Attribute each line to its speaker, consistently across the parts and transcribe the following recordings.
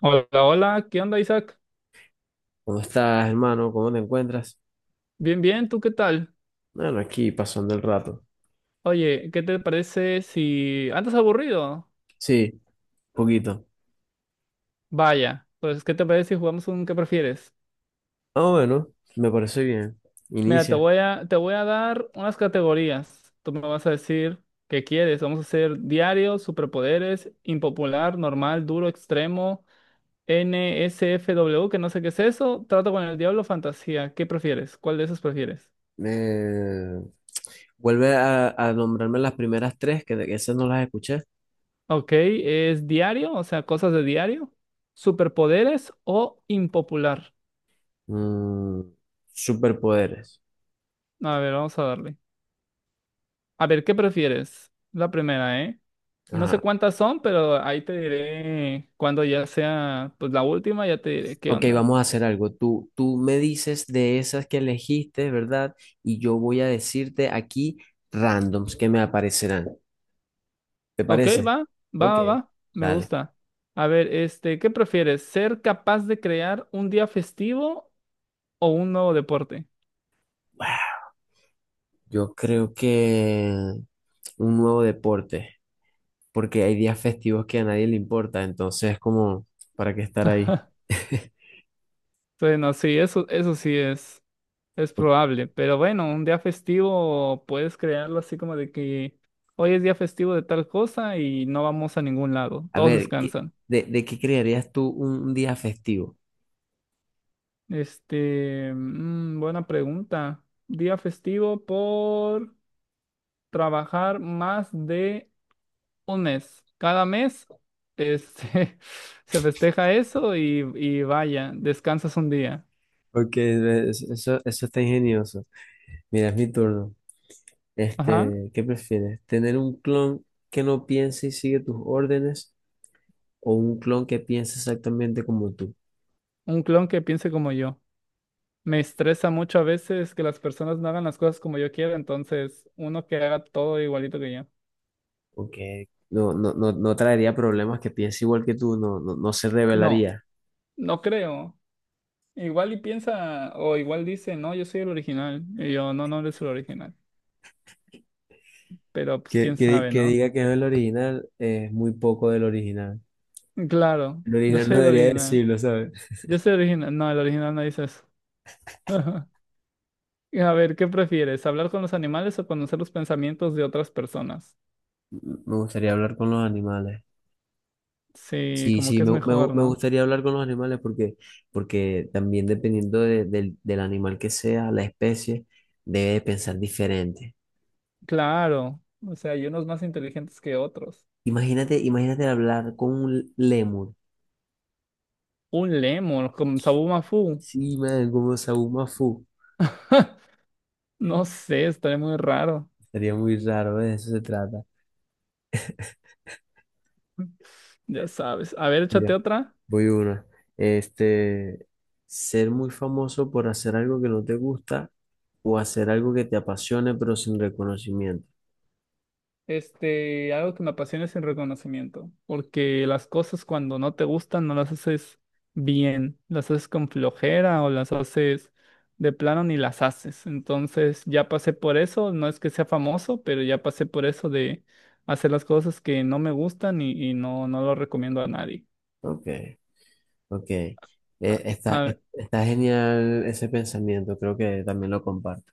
Speaker 1: Hola, hola, ¿qué onda, Isaac?
Speaker 2: ¿Cómo estás, hermano? ¿Cómo te encuentras?
Speaker 1: Bien, bien, ¿tú qué tal?
Speaker 2: Bueno, aquí pasando el rato.
Speaker 1: Oye, ¿qué te parece si... ¿Andas aburrido?
Speaker 2: Sí, poquito.
Speaker 1: Vaya, pues, ¿qué te parece si jugamos un qué prefieres?
Speaker 2: Ah, bueno, me parece bien.
Speaker 1: Mira, te
Speaker 2: Inicia.
Speaker 1: voy a, te voy a dar unas categorías. Tú me vas a decir qué quieres. Vamos a hacer diario, superpoderes, impopular, normal, duro, extremo, NSFW, que no sé qué es eso, trato con el diablo, fantasía. ¿Qué prefieres? ¿Cuál de esos prefieres?
Speaker 2: Me... Vuelve a nombrarme las primeras tres, que esas no las escuché.
Speaker 1: Ok, ¿es diario? O sea, cosas de diario. ¿Superpoderes o impopular?
Speaker 2: Mm, Superpoderes.
Speaker 1: A ver, vamos a darle. A ver, ¿qué prefieres? La primera, ¿eh? No sé
Speaker 2: Ajá.
Speaker 1: cuántas son, pero ahí te diré cuando ya sea, pues la última, ya te diré qué
Speaker 2: Ok,
Speaker 1: onda.
Speaker 2: vamos a hacer algo. Tú me dices de esas que elegiste, ¿verdad? Y yo voy a decirte aquí randoms que me aparecerán. ¿Te
Speaker 1: Ok,
Speaker 2: parece?
Speaker 1: va, va,
Speaker 2: Ok,
Speaker 1: va, va, me
Speaker 2: dale.
Speaker 1: gusta. A ver, ¿qué prefieres? ¿Ser capaz de crear un día festivo o un nuevo deporte?
Speaker 2: Yo creo que un nuevo deporte, porque hay días festivos que a nadie le importa, entonces como, ¿para qué estar ahí?
Speaker 1: Bueno, sí, eso sí es. Es probable, pero bueno, un día festivo puedes crearlo así como de que hoy es día festivo de tal cosa y no vamos a ningún lado,
Speaker 2: A
Speaker 1: todos
Speaker 2: ver, ¿qué-
Speaker 1: descansan.
Speaker 2: de, de qué crearías tú un día festivo?
Speaker 1: Buena pregunta. Día festivo por trabajar más de un mes. Cada mes, este, se festeja eso y vaya, descansas un día.
Speaker 2: Porque eso está ingenioso. Mira, es mi turno.
Speaker 1: Ajá,
Speaker 2: ¿Qué prefieres? ¿Tener un clon que no piense y sigue tus órdenes o un clon que piense exactamente como tú?
Speaker 1: un clon que piense como yo. Me estresa mucho a veces que las personas no hagan las cosas como yo quiero, entonces uno que haga todo igualito que yo.
Speaker 2: Porque no, no, no, no traería problemas que piense igual que tú, no, no, no se
Speaker 1: No,
Speaker 2: rebelaría.
Speaker 1: no creo. Igual y piensa, o igual dice, no, yo soy el original. Y yo, no, no eres el original. Pero pues
Speaker 2: Que,
Speaker 1: quién
Speaker 2: que,
Speaker 1: sabe,
Speaker 2: que
Speaker 1: ¿no?
Speaker 2: diga que no es el original es muy poco del original.
Speaker 1: Claro,
Speaker 2: El
Speaker 1: yo
Speaker 2: original no
Speaker 1: soy el
Speaker 2: debería
Speaker 1: original.
Speaker 2: decirlo, ¿sabes?
Speaker 1: Yo soy el original. No, el original no dice eso. A ver, ¿qué prefieres? ¿Hablar con los animales o conocer los pensamientos de otras personas?
Speaker 2: Me gustaría hablar con los animales.
Speaker 1: Sí,
Speaker 2: Sí,
Speaker 1: como
Speaker 2: sí,
Speaker 1: que es
Speaker 2: me, me, gu-
Speaker 1: mejor,
Speaker 2: me
Speaker 1: ¿no?
Speaker 2: gustaría hablar con los animales porque también dependiendo del animal que sea, la especie, debe pensar diferente.
Speaker 1: Claro, o sea, hay unos más inteligentes que otros.
Speaker 2: Imagínate, imagínate hablar con un lémur.
Speaker 1: Un lemon con sabor mafú.
Speaker 2: Sí, man, como Saúl Mafú.
Speaker 1: No sé, estaría muy raro.
Speaker 2: Sería muy raro, ¿ves? De eso se trata.
Speaker 1: Ya sabes. A ver, échate otra.
Speaker 2: Voy una. Este, Ser muy famoso por hacer algo que no te gusta o hacer algo que te apasione pero sin reconocimiento.
Speaker 1: Este, algo que me apasiona es el reconocimiento, porque las cosas cuando no te gustan no las haces bien, las haces con flojera o las haces de plano ni las haces. Entonces, ya pasé por eso, no es que sea famoso, pero ya pasé por eso de hacer las cosas que no me gustan y no, no lo recomiendo a nadie.
Speaker 2: Ok, ok.
Speaker 1: A,
Speaker 2: Está,
Speaker 1: a
Speaker 2: es- está genial ese pensamiento, creo que también lo comparto.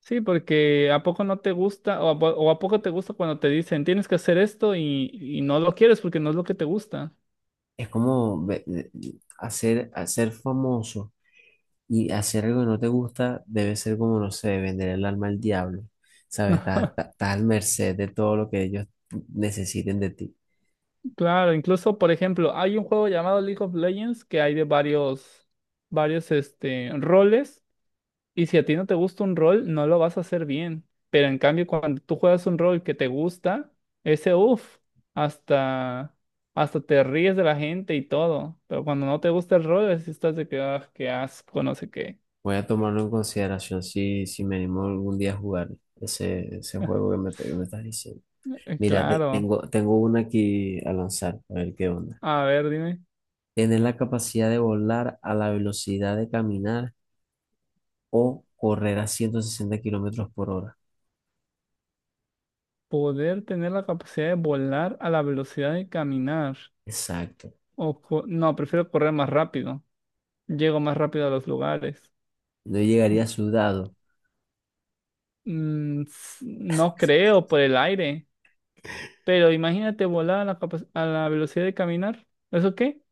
Speaker 1: Sí, porque ¿a poco no te gusta o a poco te gusta cuando te dicen tienes que hacer esto y no lo quieres porque no es lo que te gusta?
Speaker 2: Es como hacer famoso y hacer algo que no te gusta debe ser como, no sé, vender el alma al diablo. ¿Sabes? Estás, estás- estás al merced de todo lo que ellos necesiten de ti.
Speaker 1: Claro, incluso por ejemplo, hay un juego llamado League of Legends que hay de varios roles y si a ti no te gusta un rol, no lo vas a hacer bien. Pero en cambio, cuando tú juegas un rol que te gusta, ese uff, hasta, hasta te ríes de la gente y todo. Pero cuando no te gusta el rol, así estás de que, ah, qué asco, no sé qué.
Speaker 2: Voy a tomarlo en consideración si me animo algún día a jugar ese juego que me estás diciendo. Mira, te-
Speaker 1: Claro.
Speaker 2: tengo, tengo una aquí a lanzar, a ver qué onda.
Speaker 1: A ver, dime.
Speaker 2: Tener la capacidad de volar a la velocidad de caminar o correr a 160 kilómetros por hora.
Speaker 1: Poder tener la capacidad de volar a la velocidad de caminar.
Speaker 2: Exacto.
Speaker 1: No, prefiero correr más rápido. Llego más rápido a los lugares.
Speaker 2: No llegaría sudado.
Speaker 1: No creo por el aire. Pero imagínate volar a la velocidad de caminar. ¿Eso qué?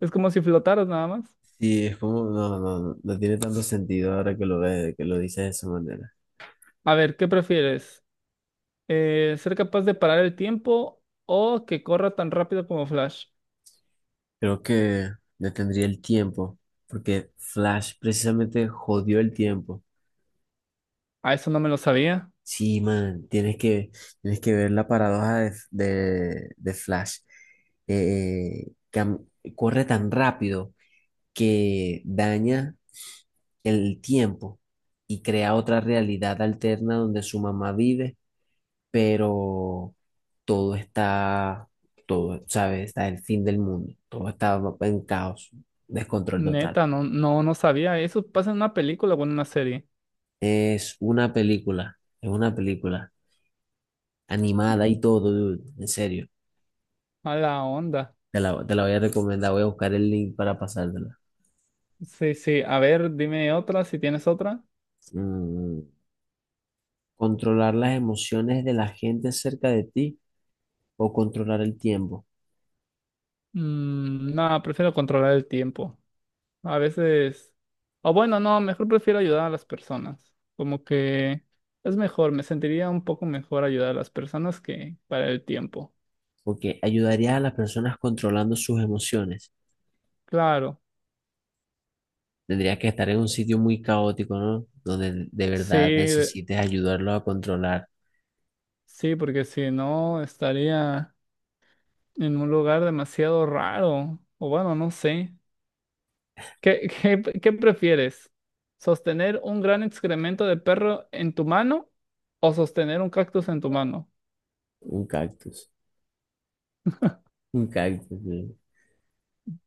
Speaker 1: Es como si flotaras nada más.
Speaker 2: Y es como, no, no, no, no tiene tanto sentido ahora que lo ves, que lo dices de esa manera.
Speaker 1: A ver, ¿qué prefieres? ¿Ser capaz de parar el tiempo o que corra tan rápido como Flash?
Speaker 2: Creo que detendría el tiempo, porque Flash precisamente jodió el tiempo.
Speaker 1: A eso no me lo sabía.
Speaker 2: Sí, man, tienes que ver la paradoja de Flash. Eh, cam- Corre tan rápido que daña el tiempo y crea otra realidad alterna donde su mamá vive, pero todo está, todo, ¿sabes? Está el fin del mundo, todo está en caos, descontrol total.
Speaker 1: Neta, no, no, no sabía. Eso pasa en una película o en una serie.
Speaker 2: Es una película animada y todo, dude, en serio.
Speaker 1: A la onda.
Speaker 2: Te la voy a recomendar, voy a buscar el link para pasártela.
Speaker 1: Sí, sí. A ver, dime otra, si tienes otra.
Speaker 2: Mm, Controlar las emociones de la gente cerca de ti o controlar el tiempo.
Speaker 1: No, prefiero controlar el tiempo. A veces. O bueno, no, mejor prefiero ayudar a las personas. Como que es mejor, me sentiría un poco mejor ayudar a las personas que para el tiempo.
Speaker 2: Porque ayudarías a las personas controlando sus emociones.
Speaker 1: Claro.
Speaker 2: Tendrías que estar en un sitio muy caótico, ¿no? Donde de verdad
Speaker 1: Sí,
Speaker 2: necesites ayudarlo a controlar
Speaker 1: sí, porque si no estaría en un lugar demasiado raro. O bueno, no sé. ¿Qué prefieres? ¿Sostener un gran excremento de perro en tu mano o sostener un cactus en tu mano?
Speaker 2: un cactus. Un cactus, sí.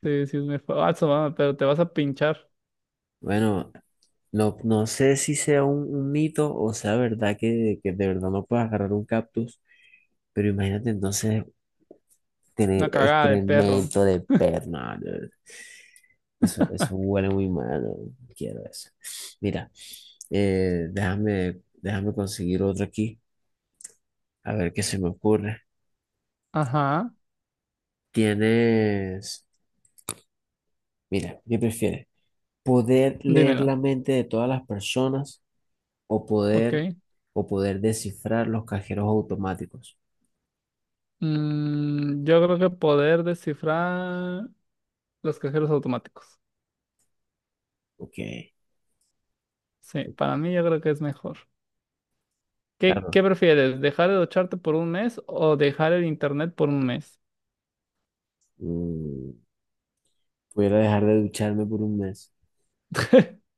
Speaker 1: Sí, sí, es muy falso, va, pero te vas a pinchar
Speaker 2: Bueno, no, no sé si sea un mito o sea verdad que de verdad no puedes agarrar un cactus. Pero imagínate entonces tener
Speaker 1: una cagada de perro.
Speaker 2: excremento de perna, ¿no? Eso huele muy mal. ¿No? Quiero eso. Mira, déjame conseguir otro aquí. A ver qué se me ocurre.
Speaker 1: Ajá,
Speaker 2: Tienes, Mira, ¿qué prefieres? ¿Poder leer
Speaker 1: dímelo.
Speaker 2: la mente de todas las personas o
Speaker 1: Ok.
Speaker 2: poder descifrar los cajeros automáticos?
Speaker 1: Yo creo que poder descifrar los cajeros automáticos.
Speaker 2: Ok,
Speaker 1: Sí, para mí yo creo que es mejor. ¿Qué,
Speaker 2: claro.
Speaker 1: qué prefieres? ¿Dejar de ducharte por un mes o dejar el internet por un mes?
Speaker 2: Mm, Pudiera dejar de ducharme por un mes.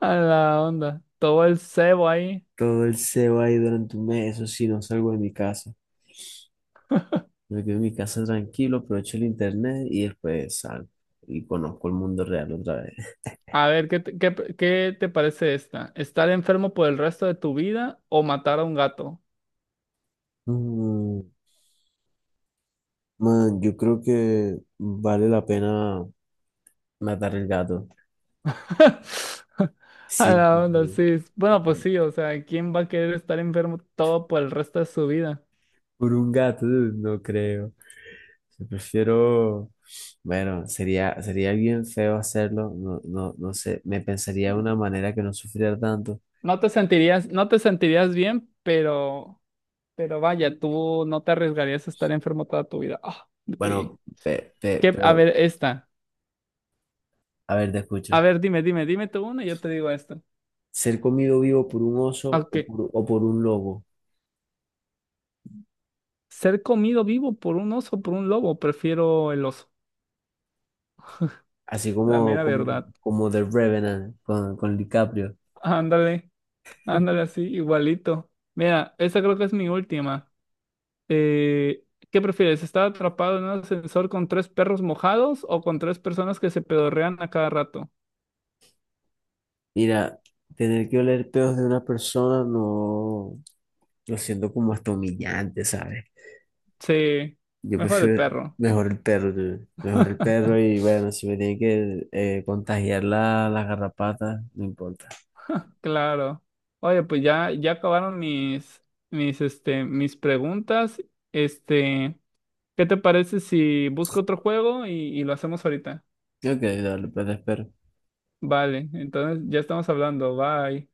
Speaker 1: A la onda. Todo el cebo ahí.
Speaker 2: Todo el sebo ahí durante un mes, eso sí, no salgo de mi casa. Me quedo en mi casa tranquilo, aprovecho el internet y después salgo y conozco el mundo real otra vez.
Speaker 1: A ver, ¿qué te, qué, qué te parece esta? ¿Estar enfermo por el resto de tu vida o matar a un gato?
Speaker 2: Mm, Man, yo creo que vale la pena matar el gato.
Speaker 1: A
Speaker 2: Sí.
Speaker 1: la
Speaker 2: sí,
Speaker 1: onda, sí. Bueno, pues
Speaker 2: sí.
Speaker 1: sí, o sea, ¿quién va a querer estar enfermo todo por el resto de su vida?
Speaker 2: Por un gato, no creo. Yo prefiero, bueno, sería bien feo hacerlo, no, no, no sé, me pensaría de una manera que no sufriera tanto.
Speaker 1: No te sentirías bien, pero vaya, tú no te arriesgarías a estar enfermo toda tu vida. Ah, me pegué.
Speaker 2: Bueno, pe- pe-
Speaker 1: ¿Qué? A
Speaker 2: pero,
Speaker 1: ver, esta.
Speaker 2: a ver, te
Speaker 1: A
Speaker 2: escucho.
Speaker 1: ver, dime, dime, dime tú una y yo te digo esta.
Speaker 2: ¿Ser comido vivo por un oso
Speaker 1: Ok.
Speaker 2: o por un lobo?
Speaker 1: Ser comido vivo por un oso, o por un lobo, prefiero el oso.
Speaker 2: Así
Speaker 1: La
Speaker 2: como,
Speaker 1: mera
Speaker 2: como,
Speaker 1: verdad.
Speaker 2: como The Revenant con DiCaprio.
Speaker 1: Ándale, ándale así, igualito. Mira, esa creo que es mi última. Eh, ¿Qué prefieres? ¿Estar atrapado en un ascensor con tres perros mojados o con tres personas que se pedorrean a cada rato?
Speaker 2: Mira, tener que oler pedos de una persona no lo siento como hasta humillante, ¿sabes?
Speaker 1: Sí,
Speaker 2: Yo
Speaker 1: mejor el
Speaker 2: prefiero
Speaker 1: perro.
Speaker 2: mejor el perro, dude. Mejor el perro y bueno, si me tienen que contagiar las garrapatas, no importa.
Speaker 1: Claro. Oye, pues ya, ya acabaron mis preguntas. Este, ¿qué te parece si busco otro juego y lo hacemos ahorita?
Speaker 2: Ok, dale, pues te espero.
Speaker 1: Vale, entonces ya estamos hablando. Bye.